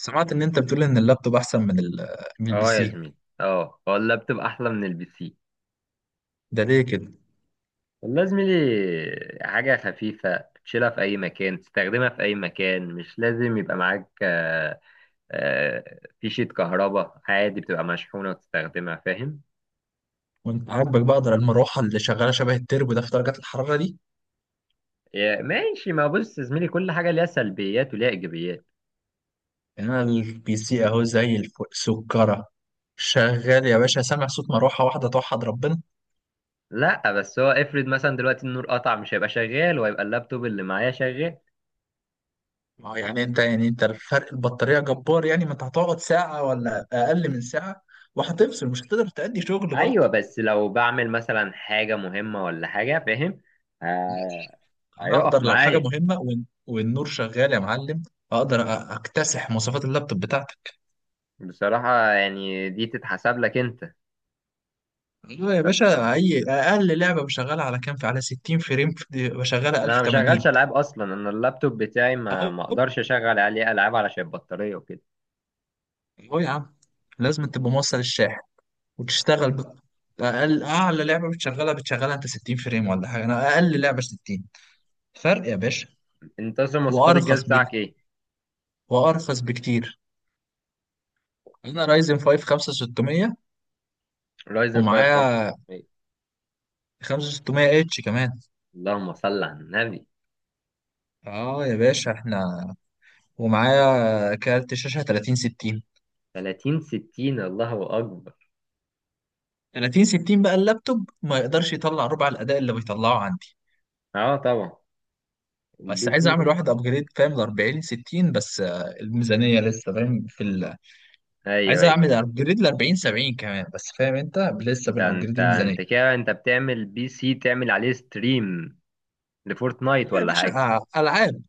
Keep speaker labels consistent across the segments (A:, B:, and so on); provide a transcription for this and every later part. A: سمعت ان انت بتقول ان اللابتوب احسن من من البي
B: اه يا
A: سي.
B: زميلي اه هو اللابتوب احلى من البي سي.
A: ده ليه كده؟
B: والله يا زميلي حاجة خفيفة تشيلها في أي مكان، تستخدمها في أي مكان، مش لازم يبقى معاك آه، فيشة كهرباء، عادي بتبقى مشحونة وتستخدمها، فاهم.
A: وانت عاجبك بقى اقدر المروحه اللي شغاله شبه التربو ده في درجات الحراره دي؟
B: ماشي، ما بص يا زميلي، كل حاجة ليها سلبيات وليها إيجابيات.
A: يعني انا البي سي اهو زي الفل، سكره، شغال يا باشا، سامع صوت مروحه واحده توحد ربنا.
B: لا بس هو افرض مثلا دلوقتي النور قطع، مش هيبقى شغال، وهيبقى اللابتوب اللي معايا شغال.
A: يعني انت، الفرق البطاريه جبار، يعني ما انت هتقعد ساعه ولا اقل من ساعه وهتفصل، مش هتقدر تأدي شغل برضه.
B: أيوة، بس لو بعمل مثلا حاجة مهمة ولا حاجة، فاهم، آه،
A: انا
B: هيقف
A: اقدر لو حاجه
B: معايا.
A: مهمه والنور شغال يا معلم، اقدر اكتسح مواصفات اللابتوب بتاعتي.
B: بصراحة يعني دي تتحسب لك انت.
A: لا يا باشا، اي اقل لعبه بشغلها على كام، في، على 60 فريم، بشغلها
B: انا ما بشغلش
A: 1080.
B: العاب اصلا، انا اللابتوب بتاعي ما
A: اهو،
B: اقدرش اشغل عليه العاب علشان البطارية وكده.
A: اهو يا عم، لازم تبقى موصل الشاحن وتشتغل اقل، اعلى لعبه بتشغلها انت 60 فريم ولا حاجه، انا اقل لعبه 60. فرق يا باشا،
B: انت اصلا مواصفات الجهاز
A: وارخص بك
B: بتاعك ايه؟
A: وارخص بكتير. انا رايزن 5 5600
B: رايزن 5 5
A: ومعايا
B: ايه؟
A: 5600 اتش كمان.
B: اللهم صل على النبي.
A: اه يا باشا احنا، ومعايا كارت شاشه 3060،
B: 30 60؟ الله اكبر.
A: 30 60 بقى اللابتوب ما يقدرش يطلع ربع الاداء اللي بيطلعه عندي.
B: اه طبعا،
A: بس
B: البي
A: عايز
B: سي
A: اعمل
B: برضه
A: واحد ابجريد، فاهم، ل 40 60 بس، الميزانيه لسه، فاهم،
B: ايوه
A: عايز
B: ايوه.
A: اعمل ابجريد ل 40 70 كمان بس، فاهم، انت لسه
B: ده
A: بنابجريد
B: انت
A: الميزانيه.
B: انت كده انت بتعمل بي سي تعمل عليه ستريم لفورتنايت
A: لا يا
B: ولا
A: باشا،
B: حاجة؟
A: العاب،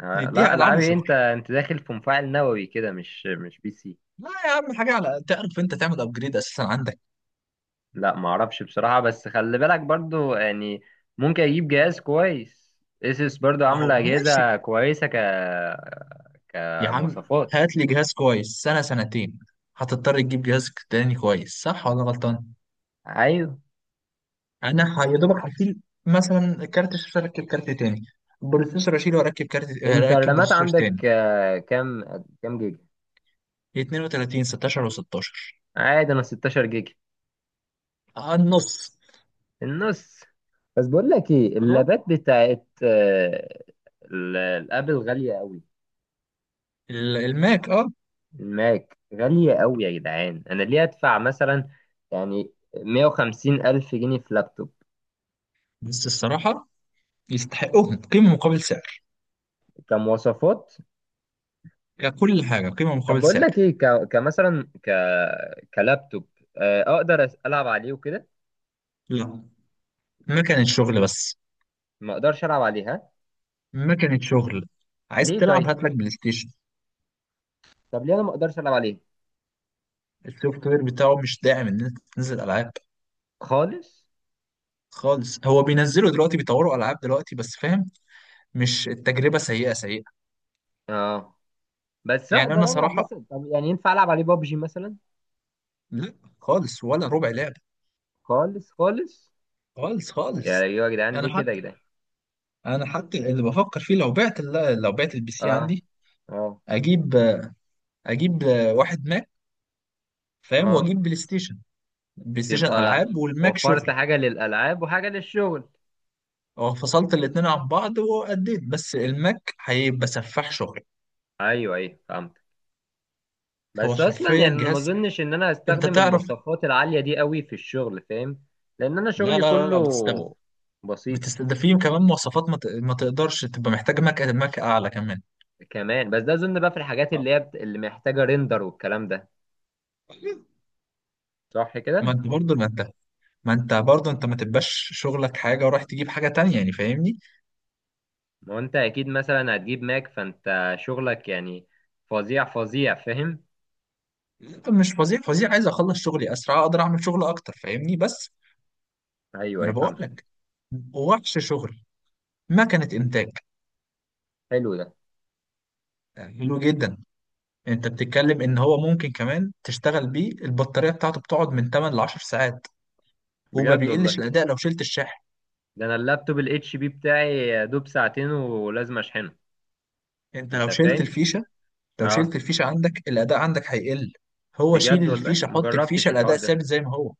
B: آه لا،
A: نديها العاب
B: العاب ايه؟
A: وشغل.
B: انت انت داخل في مفاعل نووي كده، مش بي سي.
A: لا يا عم، حاجه على، تعرف انت تعمل ابجريد اساسا عندك؟
B: لا ما اعرفش بصراحة، بس خلي بالك برضو يعني، ممكن اجيب جهاز كويس. اسس برضو
A: ما
B: عاملة
A: هو ماشي
B: اجهزة كويسة ك
A: يا عم،
B: كمواصفات.
A: هات لي جهاز كويس سنه، سنتين، هتضطر تجيب جهاز تاني كويس، صح ولا غلطان؟
B: ايوه،
A: انا يا دوبك هشيل مثلا كارت الشاشه اركب كارت تاني، بروسيسور اشيله واركب كارت،
B: انت
A: اركب
B: الرامات
A: بروسيسور
B: عندك
A: تاني.
B: كام؟ كام جيجا؟
A: 32، 16 و16،
B: عادي، انا 16 جيجا،
A: النص.
B: النص. بس بقول لك ايه،
A: اه،
B: اللابات بتاعت الابل غالية قوي.
A: الماك، اه.
B: الماك غالية قوي يا جدعان. انا ليه ادفع مثلا يعني 150 الف جنيه في لابتوب
A: بس الصراحه يستحقوهم، قيمه مقابل سعر،
B: كمواصفات؟
A: ككل حاجه، قيمه
B: طب
A: مقابل
B: بقول
A: سعر.
B: لك ايه، كلابتوب، آه، اقدر أس- العب عليه وكده.
A: لا، ما كانت شغل بس،
B: ما اقدرش العب عليها
A: ما كانت شغل، عايز
B: ليه
A: تلعب
B: طيب؟
A: هات لك بلاي ستيشن.
B: طب ليه انا ما اقدرش العب عليه
A: السوفت وير بتاعه مش داعم ان انت تنزل العاب
B: خالص؟
A: خالص، هو بينزلوا دلوقتي بيطوروا العاب دلوقتي بس، فاهم. مش التجربه سيئه سيئه.
B: اه. بس
A: يعني
B: اقدر
A: انا
B: العب
A: صراحه،
B: مثلا، طب يعني ينفع العب عليه بابجي مثلا؟
A: لا، خالص، ولا ربع لعبة.
B: خالص خالص؟
A: خالص،
B: يا
A: خالص.
B: ايوه يا جدعان، ليه
A: انا
B: كده يا
A: حتى
B: جدعان؟
A: انا حتى اللي بفكر فيه، لو بعت البي سي
B: اه،
A: عندي،
B: اه،
A: اجيب اجيب واحد ماك، فاهم،
B: اه.
A: واجيب بلاي ستيشن، بلاي ستيشن
B: تبقى
A: العاب والماك
B: وفرت
A: شغل.
B: حاجه للالعاب وحاجه للشغل.
A: اه، فصلت الاتنين عن بعض واديت، بس الماك هيبقى سفاح شغل.
B: ايوه ايوه فهمت.
A: هو
B: بس اصلا يعني
A: حرفيا
B: انا ما
A: جهاز
B: اظنش ان انا
A: انت
B: هستخدم
A: تعرف،
B: المواصفات العاليه دي قوي في الشغل، فاهم، لان انا
A: لا
B: شغلي
A: لا لا
B: كله
A: لا بتستغل،
B: بسيط.
A: ده فيه كمان مواصفات، ما تقدرش، تبقى محتاج ماك اعلى كمان.
B: كمان؟ بس ده اظن بقى في الحاجات اللي هي اللي محتاجه ريندر والكلام ده، صح
A: ما
B: كده؟
A: انت برضه ما انت ما انت برضه انت ما تبقاش شغلك حاجه ورايح تجيب حاجه تانية، يعني فاهمني.
B: ما هو انت اكيد مثلا هتجيب ماك، فانت شغلك يعني فظيع فظيع فاهم.
A: لا، مش فظيع فظيع، عايز اخلص شغلي اسرع، اقدر اعمل شغل اكتر، فاهمني، بس.
B: ايوه
A: ما
B: اي
A: انا بقول
B: فهمت.
A: لك، وحش شغل، مكنه انتاج.
B: حلو ده؟
A: حلو جدا. انت بتتكلم ان هو ممكن كمان تشتغل بيه، البطاريه بتاعته بتقعد من 8 ل 10 ساعات، وما
B: بجد
A: بيقلش
B: والله؟
A: الاداء لو شلت الشاحن.
B: ده انا اللابتوب الاتش بي بتاعي يا دوب ساعتين ولازم اشحنه،
A: انت لو
B: انت
A: شلت
B: فاهم.
A: الفيشه، لو شلت
B: اه،
A: الفيشه عندك الاداء عندك هيقل، هو شيل
B: بجد والله،
A: الفيشه، حط الفيشه،
B: مجربتش الحوار
A: الاداء
B: ده.
A: ثابت زي ما هو.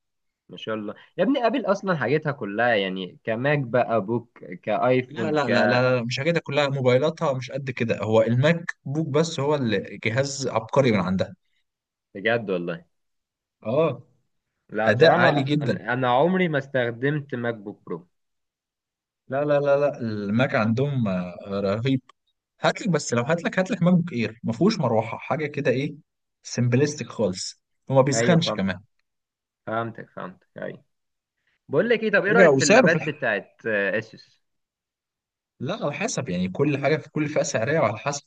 B: ما شاء الله، يا ابني ابل اصلا حاجتها كلها يعني، كماك بقى بوك،
A: لا
B: كايفون ك.
A: لا لا لا لا، مش حاجاتها كلها، موبايلاتها مش قد كده، هو الماك بوك بس، هو الجهاز عبقري من عندها.
B: بجد والله؟
A: اه.
B: لا
A: اداء
B: بصراحه
A: عالي
B: انا
A: جدا.
B: انا أنا عمري ما استخدمت ماك بوك برو.
A: لا لا لا لا، الماك عندهم رهيب. هاتلك بس لو هاتلك ماك بوك اير، ما فيهوش مروحه، حاجه كده، ايه، سمبلستيك خالص، وما
B: ايوه
A: بيسخنش
B: فهمت،
A: كمان.
B: فهمتك فهمتك، ايوه. بقول لك ايه، طب ايه
A: رجع
B: رايك في
A: وسعره في
B: اللابات
A: الحق.
B: بتاعت اسوس؟
A: لا، على حسب يعني، كل حاجه في كل فئه سعريه، وعلى حسب.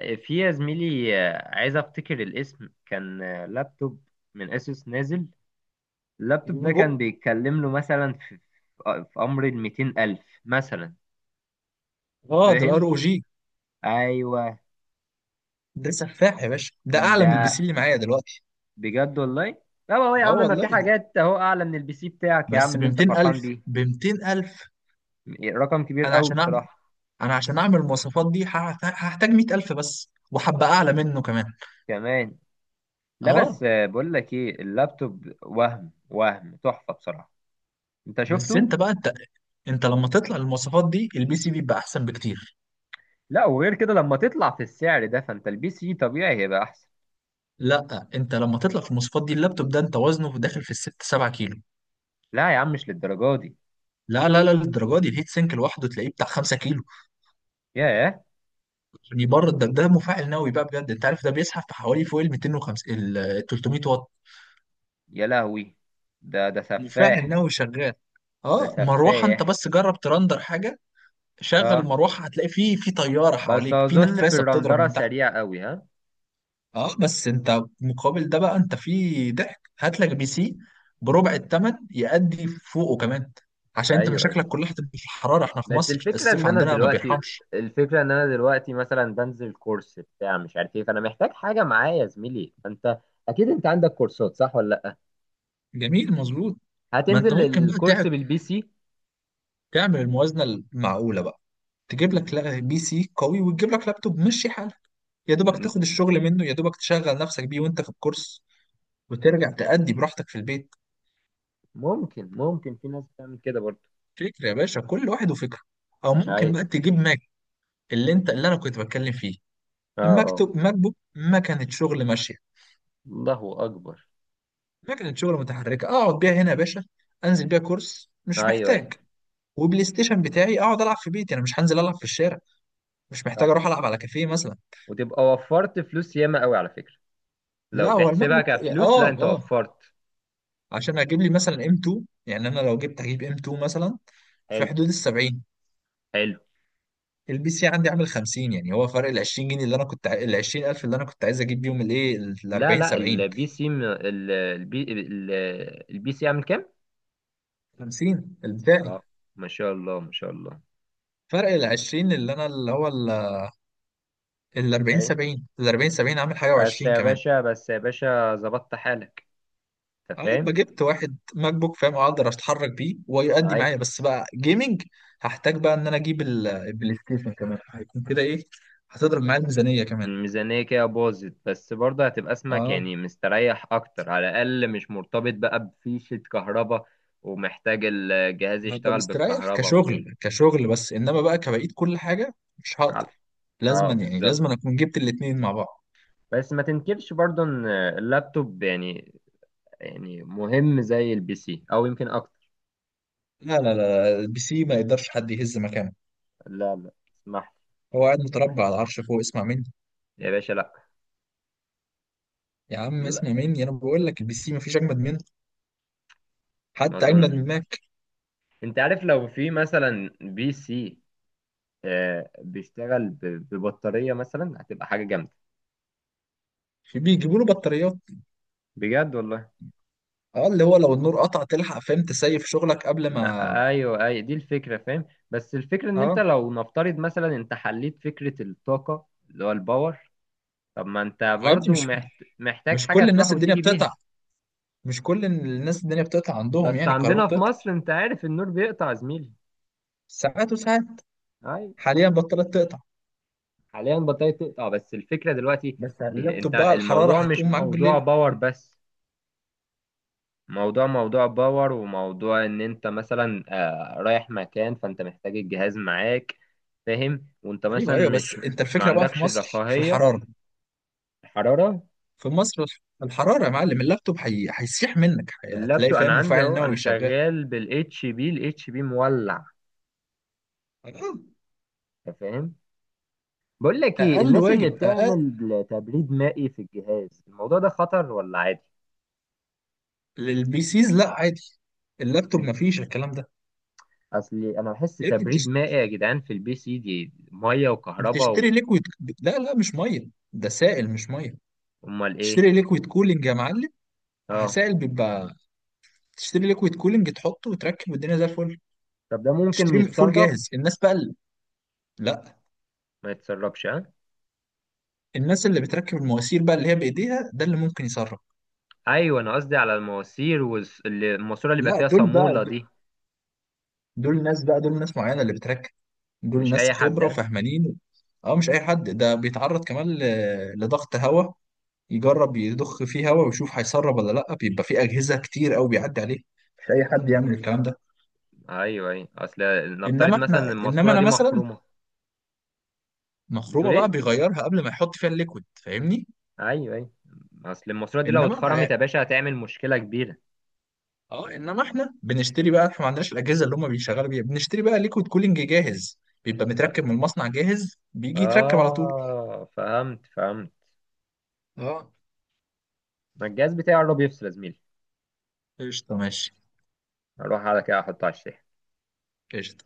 B: في يا زميلي، عايز افتكر الاسم، كان لابتوب من اسوس نازل، اللابتوب ده كان
A: الفيفو.
B: بيتكلم له مثلا في امر ال 200,000 مثلا،
A: اه، ده الار
B: فاهم.
A: او جي،
B: ايوه
A: ده سفاح يا باشا، ده اعلى من البي سي
B: ده؟
A: اللي معايا دلوقتي.
B: بجد والله. لا هو يا
A: اه
B: عم ما
A: والله،
B: في
A: ده
B: حاجات اهو اعلى من البي سي بتاعك يا عم
A: بس ب
B: اللي انت فرحان
A: 200000،
B: بيه. رقم كبير
A: انا
B: قوي
A: عشان اعمل
B: بصراحة.
A: انا عشان اعمل المواصفات دي هحتاج 100000 بس، وحبة اعلى منه كمان.
B: كمان. لا بس
A: اه،
B: بقول لك ايه، اللابتوب وهم، وهم تحفة بصراحة، انت
A: بس
B: شفته.
A: انت بقى انت انت لما تطلع المواصفات دي البي سي بيبقى احسن بكتير.
B: لا وغير كده لما تطلع في السعر ده، فانت البي سي طبيعي هيبقى احسن.
A: لا، انت لما تطلع في المواصفات دي اللابتوب ده، انت وزنه داخل في الست، سبعة كيلو.
B: لا يا عم، مش للدرجة دي.
A: لا لا لا، للدرجه دي الهيت سينك لوحده تلاقيه بتاع 5 كيلو،
B: ياه.
A: يعني بره ده مفاعل نووي بقى بجد. انت عارف ده بيسحب في حوالي فوق ال 250 ال 300 واط،
B: يا لهوي، ده ده
A: مفاعل
B: سفاح.
A: نووي شغال.
B: ده
A: اه، مروحه، انت
B: سفاح.
A: بس جرب ترندر حاجه، شغل
B: ها.
A: المروحه، هتلاقي في طياره
B: بس
A: حواليك في
B: اظن في
A: نفاسه بتضرب
B: الرندرة
A: من تحت.
B: سريع قوي، ها.
A: اه، بس انت مقابل ده بقى، انت في ضحك هات لك بي سي بربع الثمن، يأدي فوقه كمان، عشان انت
B: ايوه، أيوه.
A: مشاكلك كلها هتبقى في الحراره، احنا في
B: بس
A: مصر
B: الفكرة
A: الصيف
B: ان انا
A: عندنا ما
B: دلوقتي،
A: بيرحمش.
B: الفكرة ان انا دلوقتي مثلا بنزل كورس بتاع مش عارف ايه، فانا محتاج حاجة معايا يا زميلي. فانت اكيد انت عندك كورسات، صح ولا لا؟
A: جميل، مظبوط. ما انت
B: هتنزل
A: ممكن بقى
B: الكورس بالبي سي؟
A: تعمل الموازنه المعقوله بقى، تجيب لك بي سي قوي، وتجيب لك لابتوب مشي حالك، يا دوبك
B: م-
A: تاخد الشغل منه، يا دوبك تشغل نفسك بيه وانت في الكورس، وترجع تأدي براحتك في البيت.
B: ممكن، ممكن، في ناس بتعمل كده برضه.
A: فكرة يا باشا، كل واحد وفكرة. او ممكن
B: ايوه.
A: بقى تجيب ماك، اللي انا كنت بتكلم فيه،
B: اه اه.
A: المكتب، ماك بوك، مكنة شغل ماشية،
B: الله اكبر.
A: مكنة شغل متحركة، اقعد بيها هنا يا باشا، انزل بيها كورس، مش
B: ايوه ايوه.
A: محتاج. وبلاي ستيشن بتاعي اقعد العب في بيتي، انا مش هنزل العب في الشارع، مش محتاج
B: صح.
A: اروح العب على كافيه مثلا.
B: وتبقى وفرت فلوس ياما قوي على فكرة، لو
A: لا هو الماك
B: تحسبها
A: بوك،
B: كفلوس لا انت وفرت.
A: عشان اجيب لي مثلا ام 2، يعني انا لو جبت هجيب ام 2 مثلا في
B: حلو.
A: حدود ال 70،
B: حلو.
A: البي سي عندي عامل 50، يعني هو فرق ال 20 جنيه اللي انا كنت، ال 20000 اللي انا كنت عايز اجيب بيهم الايه، ال
B: لا
A: 40
B: لا
A: 70.
B: البي سي م- ال- البي ال- البي سي عامل كام؟
A: 50 البدائي.
B: اه. ما شاء الله، ما شاء الله.
A: فرق ال 20 اللي هو ال 40
B: اي.
A: 70، عامل حاجه
B: بس
A: و20
B: يا
A: كمان.
B: باشا، بس يا باشا ظبطت حالك، انت
A: انا بقى
B: فاهم.
A: جبت واحد ماك بوك، فاهم، اقدر اتحرك بيه ويؤدي
B: اي.
A: معايا، بس بقى جيمنج هحتاج بقى ان انا اجيب البلاي ستيشن كمان، هيكون كده ايه، هتضرب معايا الميزانيه كمان.
B: الميزانية كده باظت، بس برضه هتبقى اسمك
A: اه،
B: يعني مستريح اكتر، على الاقل مش مرتبط بقى بفيشة كهرباء ومحتاج الجهاز
A: هبقى
B: يشتغل
A: مستريح
B: بالكهرباء وكده.
A: كشغل، بس انما بقى كبقيت كل حاجه مش هقدر،
B: على- اه
A: لازما
B: بالظبط.
A: اكون جبت الاتنين مع بعض.
B: بس ما تنكرش برضه ان اللابتوب يعني، يعني مهم زي البي سي او يمكن اكتر.
A: لا لا لا، البي سي ما يقدرش حد يهز مكانه،
B: لا لا. اسمح
A: هو قاعد متربع على العرش فوق، اسمع مني.
B: لي يا باشا، لا.
A: يا عم،
B: لا،
A: اسمع مني، انا بقول لك البي سي مفيش اجمد منه،
B: ما
A: حتى اجمد
B: اظنش.
A: من ماك.
B: انت عارف، لو في مثلا بي سي آه، بيشتغل ب- ببطارية مثلا، هتبقى حاجة جامدة.
A: بيجيبوا له بطاريات،
B: بجد والله؟
A: اه، اللي هو لو النور قطع تلحق، فاهم، تسيف شغلك قبل
B: ما
A: ما.
B: ايوه، اي دي الفكرة، فاهم. بس الفكرة ان انت
A: اه.
B: لو نفترض مثلا انت حليت فكرة الطاقة اللي هو الباور، طب ما انت
A: ما يا ابني،
B: برضو
A: مش
B: محتاج
A: مش
B: حاجة
A: كل
B: تروح
A: الناس الدنيا
B: وتيجي
A: بتقطع،
B: بيها.
A: مش كل الناس الدنيا بتقطع عندهم،
B: بس
A: يعني الكهرباء
B: عندنا في
A: بتقطع
B: مصر انت عارف النور بيقطع يا زميلي.
A: ساعات وساعات،
B: اي.
A: حاليا بطلت تقطع.
B: حاليا البطارية بتقطع، بس الفكرة دلوقتي،
A: بس
B: إيه، انت
A: اللابتوب بقى الحراره
B: الموضوع مش
A: هتقوم معاك
B: موضوع
A: بالليل.
B: باور بس، موضوع موضوع باور وموضوع ان انت مثلا رايح مكان، فانت محتاج الجهاز معاك فاهم، وانت
A: ايوه
B: مثلا
A: ايوه، بس
B: مش
A: انت
B: ما
A: الفكره بقى في
B: عندكش
A: مصر في
B: الرفاهية.
A: الحراره،
B: الحرارة؟
A: في مصر الحراره يا معلم، اللابتوب هيسيح منك، هتلاقي،
B: اللابتوب انا
A: فاهم،
B: عندي
A: مفاعل
B: اهو، انا
A: نووي شغال.
B: شغال بالاتش بي، الاتش بي مولع،
A: آه.
B: أنت فاهم. بقول لك ايه،
A: اقل
B: الناس اللي
A: واجب، اقل
B: بتعمل تبريد مائي في الجهاز، الموضوع ده خطر ولا عادي؟
A: للبي سيز، لا عادي، اللابتوب ما فيش الكلام ده.
B: اصلي انا بحس
A: يا ابني
B: تبريد مائي يا جدعان في البي سي دي، ميه وكهرباء
A: بتشتري ليكويد، لا لا، مش ميه، ده سائل مش ميه،
B: امال ايه؟
A: تشتري ليكويد كولينج يا معلم،
B: اه،
A: سائل بيبقى، تشتري ليكويد كولينج تحطه وتركب والدنيا زي الفل،
B: طب ده ممكن
A: تشتري مقفول
B: يتسرب؟
A: جاهز، الناس بقى اللي.... لا.
B: ما يتسربش، ها؟
A: الناس اللي بتركب المواسير بقى اللي هي بايديها، ده اللي ممكن يسرق.
B: ايوه، انا قصدي على المواسير والماسوره اللي بيبقى
A: لا
B: فيها
A: دول
B: صاموله
A: بقى،
B: دي،
A: دول ناس معينه اللي بتركب، دول
B: مش
A: ناس
B: اي حد،
A: خبره
B: ها؟
A: وفهمانين. اه، مش اي حد، ده بيتعرض كمان لضغط هواء، يجرب يضخ فيه هواء ويشوف هيسرب ولا لا، بيبقى فيه اجهزه كتير قوي بيعدي عليه، مش اي حد يعمل الكلام ده.
B: ايوه ايوه. اصل نفترض مثلا إن
A: انما
B: الماسوره
A: انا
B: دي
A: مثلا،
B: مخرومه،
A: مخرومه
B: بتقول ايه؟
A: بقى بيغيرها قبل ما يحط فيها الليكويد، فاهمني.
B: ايوه ايوه، اصل الماسوره دي لو اتخرمت
A: انما،
B: يا باشا هتعمل مشكله كبيره.
A: اه، انما احنا بنشتري بقى، احنا ما عندناش الاجهزه اللي هم بيشغلوا بيها، بنشتري بقى ليكويد كولينج جاهز، بيبقى
B: ف-
A: متركب من المصنع جاهز، بيجي يتركب على طول.
B: اه فهمت فهمت.
A: اه،
B: ما الجهاز بتاعي قرب يفصل يا زميلي،
A: قشطه، ماشي،
B: اروح على كده احطه على الشاحن.
A: قشطه.